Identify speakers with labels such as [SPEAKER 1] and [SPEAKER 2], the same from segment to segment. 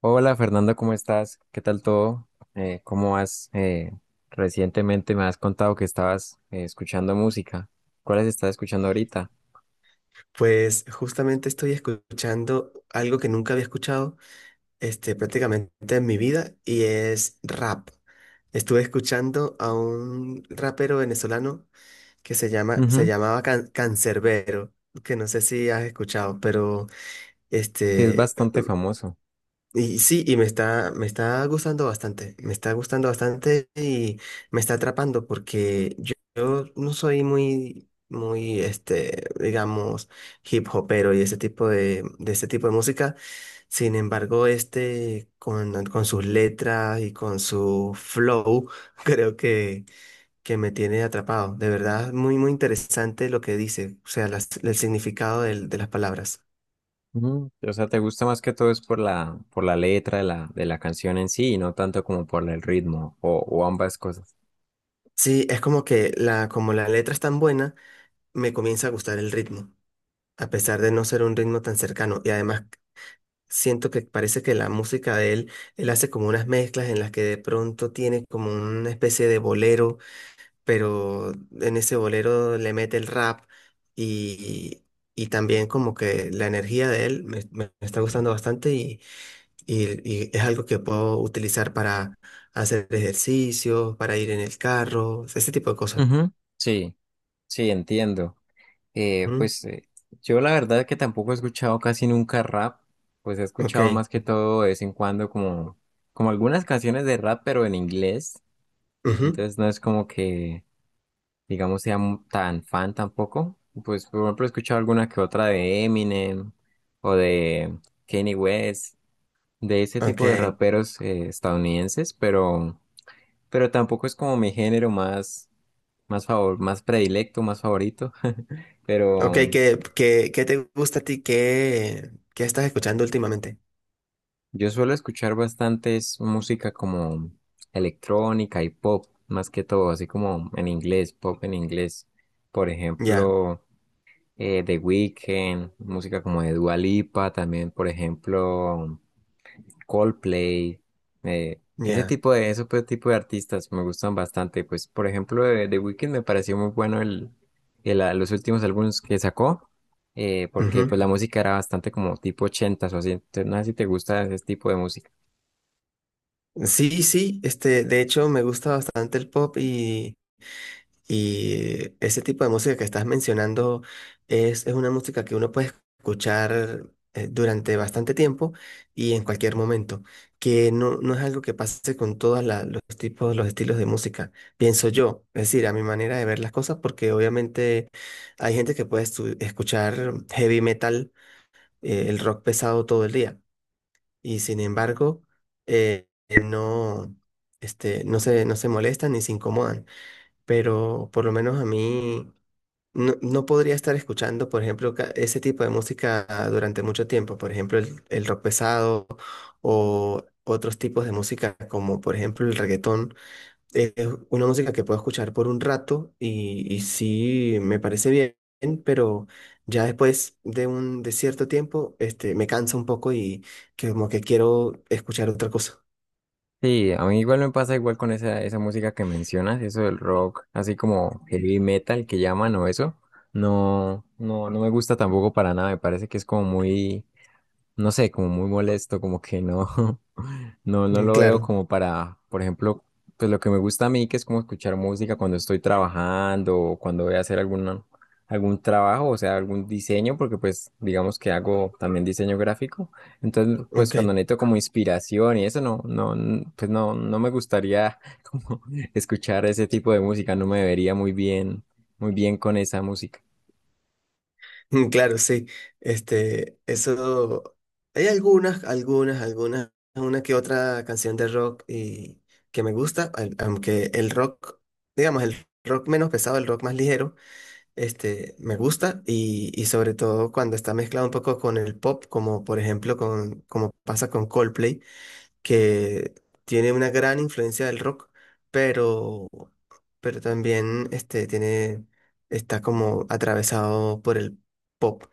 [SPEAKER 1] Hola Fernando, ¿cómo estás? ¿Qué tal todo? ¿Cómo vas? Recientemente me has contado que estabas escuchando música. ¿Cuáles estás escuchando ahorita?
[SPEAKER 2] Pues justamente estoy escuchando algo que nunca había escuchado, prácticamente en mi vida, y es rap. Estuve escuchando a un rapero venezolano que se
[SPEAKER 1] Ujú.
[SPEAKER 2] llamaba Cancerbero, que no sé si has escuchado, pero
[SPEAKER 1] Sí, es
[SPEAKER 2] este,
[SPEAKER 1] bastante famoso.
[SPEAKER 2] y sí, y me está gustando bastante, me está gustando bastante y me está atrapando porque yo no soy muy, muy, digamos, hip hopero y ese tipo de ese tipo de música. Sin embargo, con sus letras y con su flow, creo que me tiene atrapado. De verdad, muy, muy interesante lo que dice, o sea, el significado de las palabras.
[SPEAKER 1] Ujú. O sea, ¿te gusta más que todo es por por la letra de de la canción en sí y no tanto como por el ritmo o ambas cosas?
[SPEAKER 2] Sí, es como que como la letra es tan buena, me comienza a gustar el ritmo, a pesar de no ser un ritmo tan cercano. Y además siento que parece que la música de él, él hace como unas mezclas en las que de pronto tiene como una especie de bolero, pero en ese bolero le mete el rap y, y también como que la energía de él, me está gustando bastante y y es algo que puedo utilizar para hacer ejercicio, para ir en el carro, ese tipo de cosas.
[SPEAKER 1] Ujú. Sí, sí, entiendo. Eh,
[SPEAKER 2] Ujú.
[SPEAKER 1] pues eh, yo la verdad que tampoco he escuchado casi nunca rap, pues he
[SPEAKER 2] Ok.
[SPEAKER 1] escuchado más que todo de vez en cuando, como algunas canciones de rap, pero en inglés,
[SPEAKER 2] Ujú.
[SPEAKER 1] entonces no es como que digamos, sea tan fan tampoco, pues por ejemplo he escuchado alguna que otra de Eminem o de Kanye West, de ese
[SPEAKER 2] Ok.
[SPEAKER 1] tipo de raperos estadounidenses, pero tampoco es como mi género más favor, más predilecto, más favorito.
[SPEAKER 2] Ok,
[SPEAKER 1] Pero,
[SPEAKER 2] ¿ qué te gusta a ti? ¿ qué estás escuchando últimamente?
[SPEAKER 1] yo suelo escuchar bastantes música como electrónica y pop, más que todo, así como en inglés, pop en inglés. Por
[SPEAKER 2] Ya,
[SPEAKER 1] ejemplo, The Weeknd, música como de Dua Lipa, también, por ejemplo, Coldplay, ese
[SPEAKER 2] ya.
[SPEAKER 1] tipo de, ese tipo de artistas me gustan bastante. Pues, por ejemplo, de The Weeknd me pareció muy bueno los últimos álbumes que sacó, porque
[SPEAKER 2] Ujú.
[SPEAKER 1] pues la música era bastante como tipo ochentas o así. Entonces, no sé si te gusta ese tipo de música.
[SPEAKER 2] Sí, sí, de hecho me gusta bastante el pop. Y ese tipo de música que estás mencionando es una música que uno puede escuchar, durante bastante tiempo y en cualquier momento, que no es algo que pase con todos los tipos, los estilos de música, pienso yo, es decir, a mi manera de ver las cosas, porque obviamente hay gente que puede escuchar heavy metal, el rock pesado todo el día, y sin embargo, eh, no, no se molestan ni se incomodan, pero por lo menos a mí no, no podría estar escuchando, por ejemplo, ese tipo de música durante mucho tiempo, por ejemplo, el rock pesado o otros tipos de música como por ejemplo el reggaetón. Es una música que puedo escuchar por un rato y sí me parece bien. Pero ya después de cierto tiempo, me cansa un poco y que como que quiero escuchar otra cosa.
[SPEAKER 1] Sí, a mí igual me pasa igual con esa música que mencionas, eso del rock, así como heavy metal que llaman o eso. No, no, no me gusta tampoco para nada, me parece que es como no sé, como muy molesto, como que no, no, no
[SPEAKER 2] Mm,
[SPEAKER 1] lo veo
[SPEAKER 2] claro,
[SPEAKER 1] como para, por ejemplo, pues lo que me gusta a mí, que es como escuchar música cuando estoy trabajando o cuando voy a hacer algún trabajo, o sea, algún diseño, porque pues digamos que hago también diseño gráfico. Entonces, pues
[SPEAKER 2] ok.
[SPEAKER 1] cuando necesito como inspiración y eso, no, pues no, no me gustaría como escuchar ese tipo de música, no me vería muy bien con esa música.
[SPEAKER 2] Mm, claro, sí. Este, eso. Hay algunas, una que otra canción de rock y que me gusta, aunque el rock, digamos, el rock menos pesado, el rock más ligero, me gusta, y sobre todo cuando está mezclado un poco con el pop, como por ejemplo como pasa con Coldplay, que tiene una gran influencia del rock, pero también este tiene está como atravesado por el pop,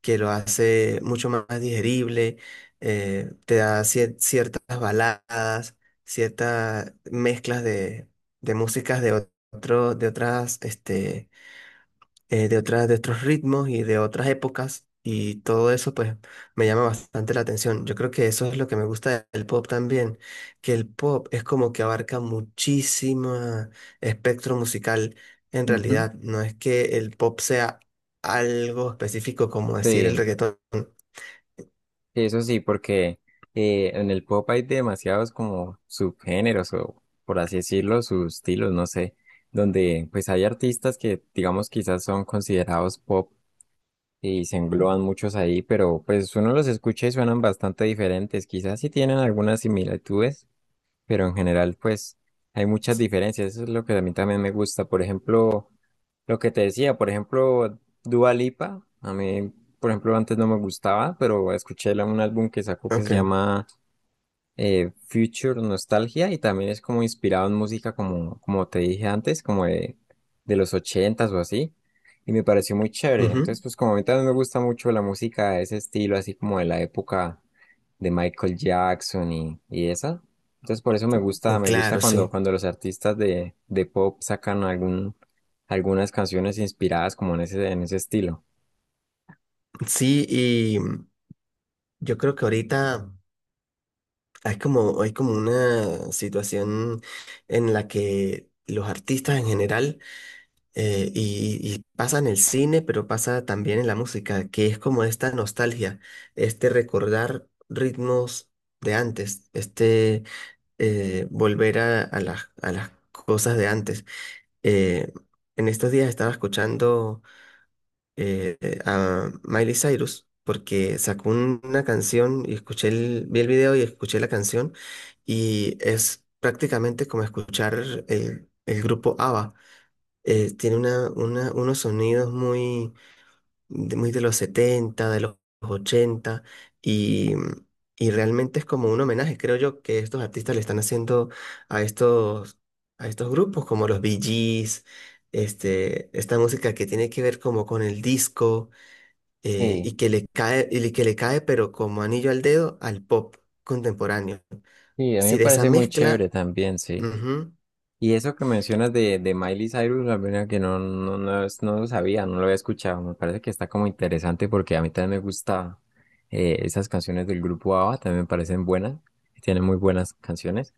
[SPEAKER 2] que lo hace mucho más digerible. Te da ciertas baladas, ciertas mezclas de músicas de otras, de otras, de otros ritmos y de otras épocas, y todo eso pues me llama bastante la atención. Yo creo que eso es lo que me gusta del pop también, que el pop es como que abarca muchísimo espectro musical en
[SPEAKER 1] Ujú.
[SPEAKER 2] realidad. No es que el pop sea algo específico como decir el
[SPEAKER 1] Sí.
[SPEAKER 2] reggaetón.
[SPEAKER 1] Eso sí, porque en el pop hay demasiados como subgéneros o por así decirlo, sus estilos, no sé, donde pues hay artistas que digamos quizás son considerados pop y se engloban muchos ahí, pero pues uno los escucha y suenan bastante diferentes, quizás sí tienen algunas similitudes, pero en general pues hay muchas diferencias, eso es lo que a mí también me gusta, por ejemplo. Lo que te decía, por ejemplo, Dua Lipa, a mí, por ejemplo, antes no me gustaba, pero escuché un álbum que sacó que se
[SPEAKER 2] Ok.
[SPEAKER 1] llama Future Nostalgia y también es como inspirado en música como, como te dije antes, como de los ochentas o así. Y me pareció muy chévere. Entonces, pues como a mí también me gusta mucho la música de ese estilo, así como de la época de Michael Jackson y esa. Entonces, por eso
[SPEAKER 2] Ujú.
[SPEAKER 1] me gusta
[SPEAKER 2] Claro,
[SPEAKER 1] cuando,
[SPEAKER 2] sí.
[SPEAKER 1] cuando los artistas de pop sacan algún, algunas canciones inspiradas como en ese estilo.
[SPEAKER 2] Sí, y yo creo que ahorita... hay como una situación en la que los artistas en general, y pasa en el cine, pero pasa también en la música, que es como esta nostalgia, este recordar ritmos de antes, volver a a las cosas de antes. Eh, en estos días estaba escuchando, a Miley Cyrus porque sacó una canción, y escuché vi el video y escuché la canción, y es prácticamente como escuchar el grupo ABBA. Tiene unos sonidos muy muy de los setenta, de los ochenta, y, y realmente es como un homenaje, creo yo, que estos artistas le están haciendo a estos, a estos grupos como los Bee Gees, esta música que tiene que ver como con el disco,
[SPEAKER 1] Sí,
[SPEAKER 2] y que le cae, y que le cae, pero como anillo al dedo, al pop contemporáneo.
[SPEAKER 1] sí, a mí
[SPEAKER 2] Si
[SPEAKER 1] me
[SPEAKER 2] de esa
[SPEAKER 1] parece muy
[SPEAKER 2] mezcla,
[SPEAKER 1] chévere también, sí.
[SPEAKER 2] ujú,
[SPEAKER 1] Y eso que mencionas de Miley Cyrus, la verdad que no, no, no, no lo sabía, no lo había escuchado. Me parece que está como interesante porque a mí también me gusta esas canciones del grupo ABBA, también me parecen buenas, tienen muy buenas canciones.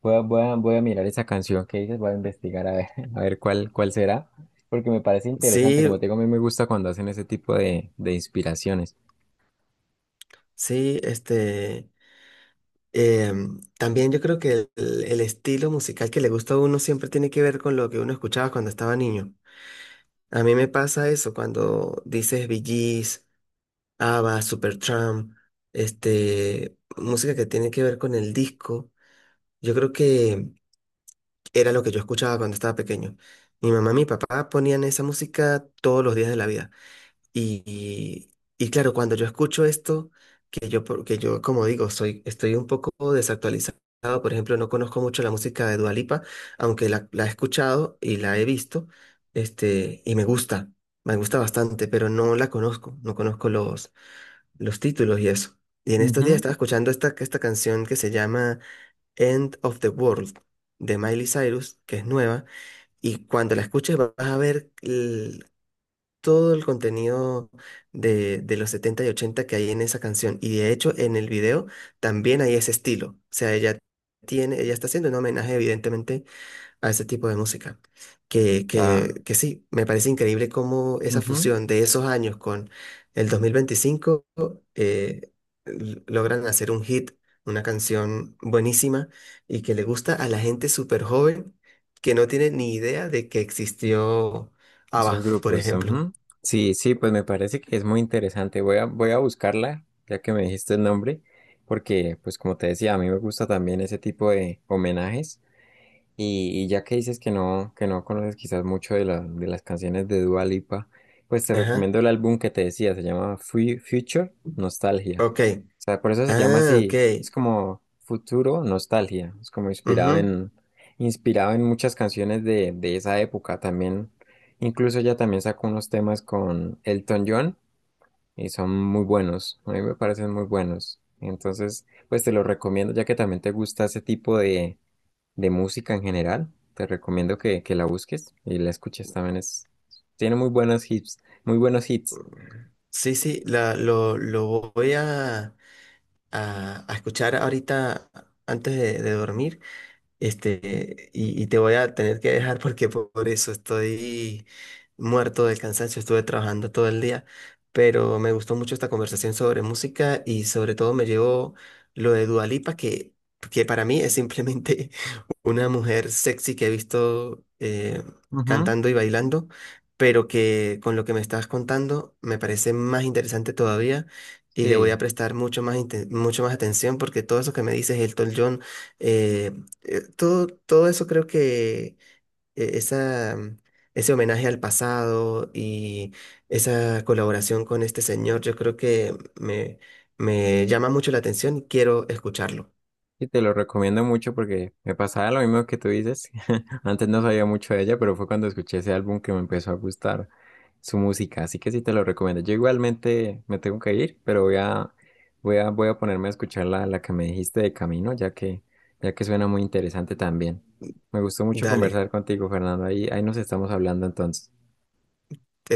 [SPEAKER 1] Voy a, voy a, voy a mirar esa canción que dices, voy a investigar a ver, a ver cuál, cuál será, porque me parece interesante.
[SPEAKER 2] sí,
[SPEAKER 1] Como te digo, a mí me gusta cuando hacen ese tipo de inspiraciones.
[SPEAKER 2] sí, también yo creo que el estilo musical que le gusta a uno siempre tiene que ver con lo que uno escuchaba cuando estaba niño. A mí me pasa eso cuando dices Bee Gees, ABBA, Supertramp, música que tiene que ver con el disco. Yo creo que era lo que yo escuchaba cuando estaba pequeño. Mi mamá y mi papá ponían esa música todos los días de la vida. Y, y, y claro, cuando yo escucho esto, que yo, como digo, estoy un poco desactualizado. Por ejemplo, no conozco mucho la música de Dua Lipa, aunque la he escuchado y la he visto, y me gusta bastante, pero no la conozco, no conozco los títulos y eso. Y en estos días
[SPEAKER 1] Ujú,
[SPEAKER 2] estaba escuchando esta canción que se llama End of the World, de Miley Cyrus, que es nueva, y cuando la escuches vas a ver todo el contenido de los 70 y 80 que hay en esa canción. Y de hecho en el video también hay ese estilo. O sea, ella está haciendo un homenaje evidentemente a ese tipo de música.
[SPEAKER 1] está,
[SPEAKER 2] Que sí, me parece increíble cómo esa
[SPEAKER 1] ujú.
[SPEAKER 2] fusión de esos años con el 2025, eh, logran hacer un hit, una canción buenísima, y que le gusta a la gente súper joven que no tiene ni idea de que existió
[SPEAKER 1] Esos
[SPEAKER 2] ABBA, por
[SPEAKER 1] grupos.
[SPEAKER 2] ejemplo.
[SPEAKER 1] Ujú. Sí, sí, pues me parece que es muy interesante. Voy a, voy a buscarla, ya que me dijiste el nombre, porque, pues como te decía, a mí me gusta también ese tipo de homenajes. Y ya que dices que no conoces quizás mucho de las canciones de Dua Lipa, pues te
[SPEAKER 2] Ajá,
[SPEAKER 1] recomiendo el álbum que te decía, se llama Future Nostalgia.
[SPEAKER 2] ok.
[SPEAKER 1] O sea, por eso se llama
[SPEAKER 2] Ah, ok.
[SPEAKER 1] así, es como Futuro Nostalgia, es como inspirado
[SPEAKER 2] Ujú.
[SPEAKER 1] en, inspirado en muchas canciones de esa época también. Incluso ella también sacó unos temas con Elton John y son muy buenos, a mí me parecen muy buenos. Entonces, pues te los recomiendo ya que también te gusta ese tipo de música en general. Te recomiendo que la busques y la escuches también. Es, tiene muy buenos hits, muy buenos hits.
[SPEAKER 2] Sí, sí, lo voy a escuchar ahorita antes de dormir. Y, y te voy a tener que dejar porque por eso estoy muerto del cansancio, estuve trabajando todo el día, pero me gustó mucho esta conversación sobre música, y sobre todo me llevo lo de Dua Lipa, que para mí es simplemente una mujer sexy que he visto,
[SPEAKER 1] Ujú.
[SPEAKER 2] cantando y bailando, pero que con lo que me estás contando me parece más interesante todavía, y le voy a
[SPEAKER 1] Sí,
[SPEAKER 2] prestar mucho más, mucho más atención, porque todo eso que me dices, Elton John, eh, todo, todo eso creo que, eh, esa, ese homenaje al pasado y esa colaboración con este señor, yo creo que me llama mucho la atención y quiero escucharlo.
[SPEAKER 1] y te lo recomiendo mucho porque me pasaba lo mismo que tú dices. Antes no sabía mucho de ella, pero fue cuando escuché ese álbum que me empezó a gustar su música. Así que sí te lo recomiendo. Yo igualmente me tengo que ir, pero voy a, voy a, voy a ponerme a escuchar la que me dijiste de camino, ya que ya que suena muy interesante también. Me gustó mucho
[SPEAKER 2] Dale.
[SPEAKER 1] conversar contigo, Fernando. Ahí, ahí nos estamos hablando entonces.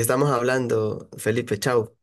[SPEAKER 2] Estamos hablando, Felipe, chao.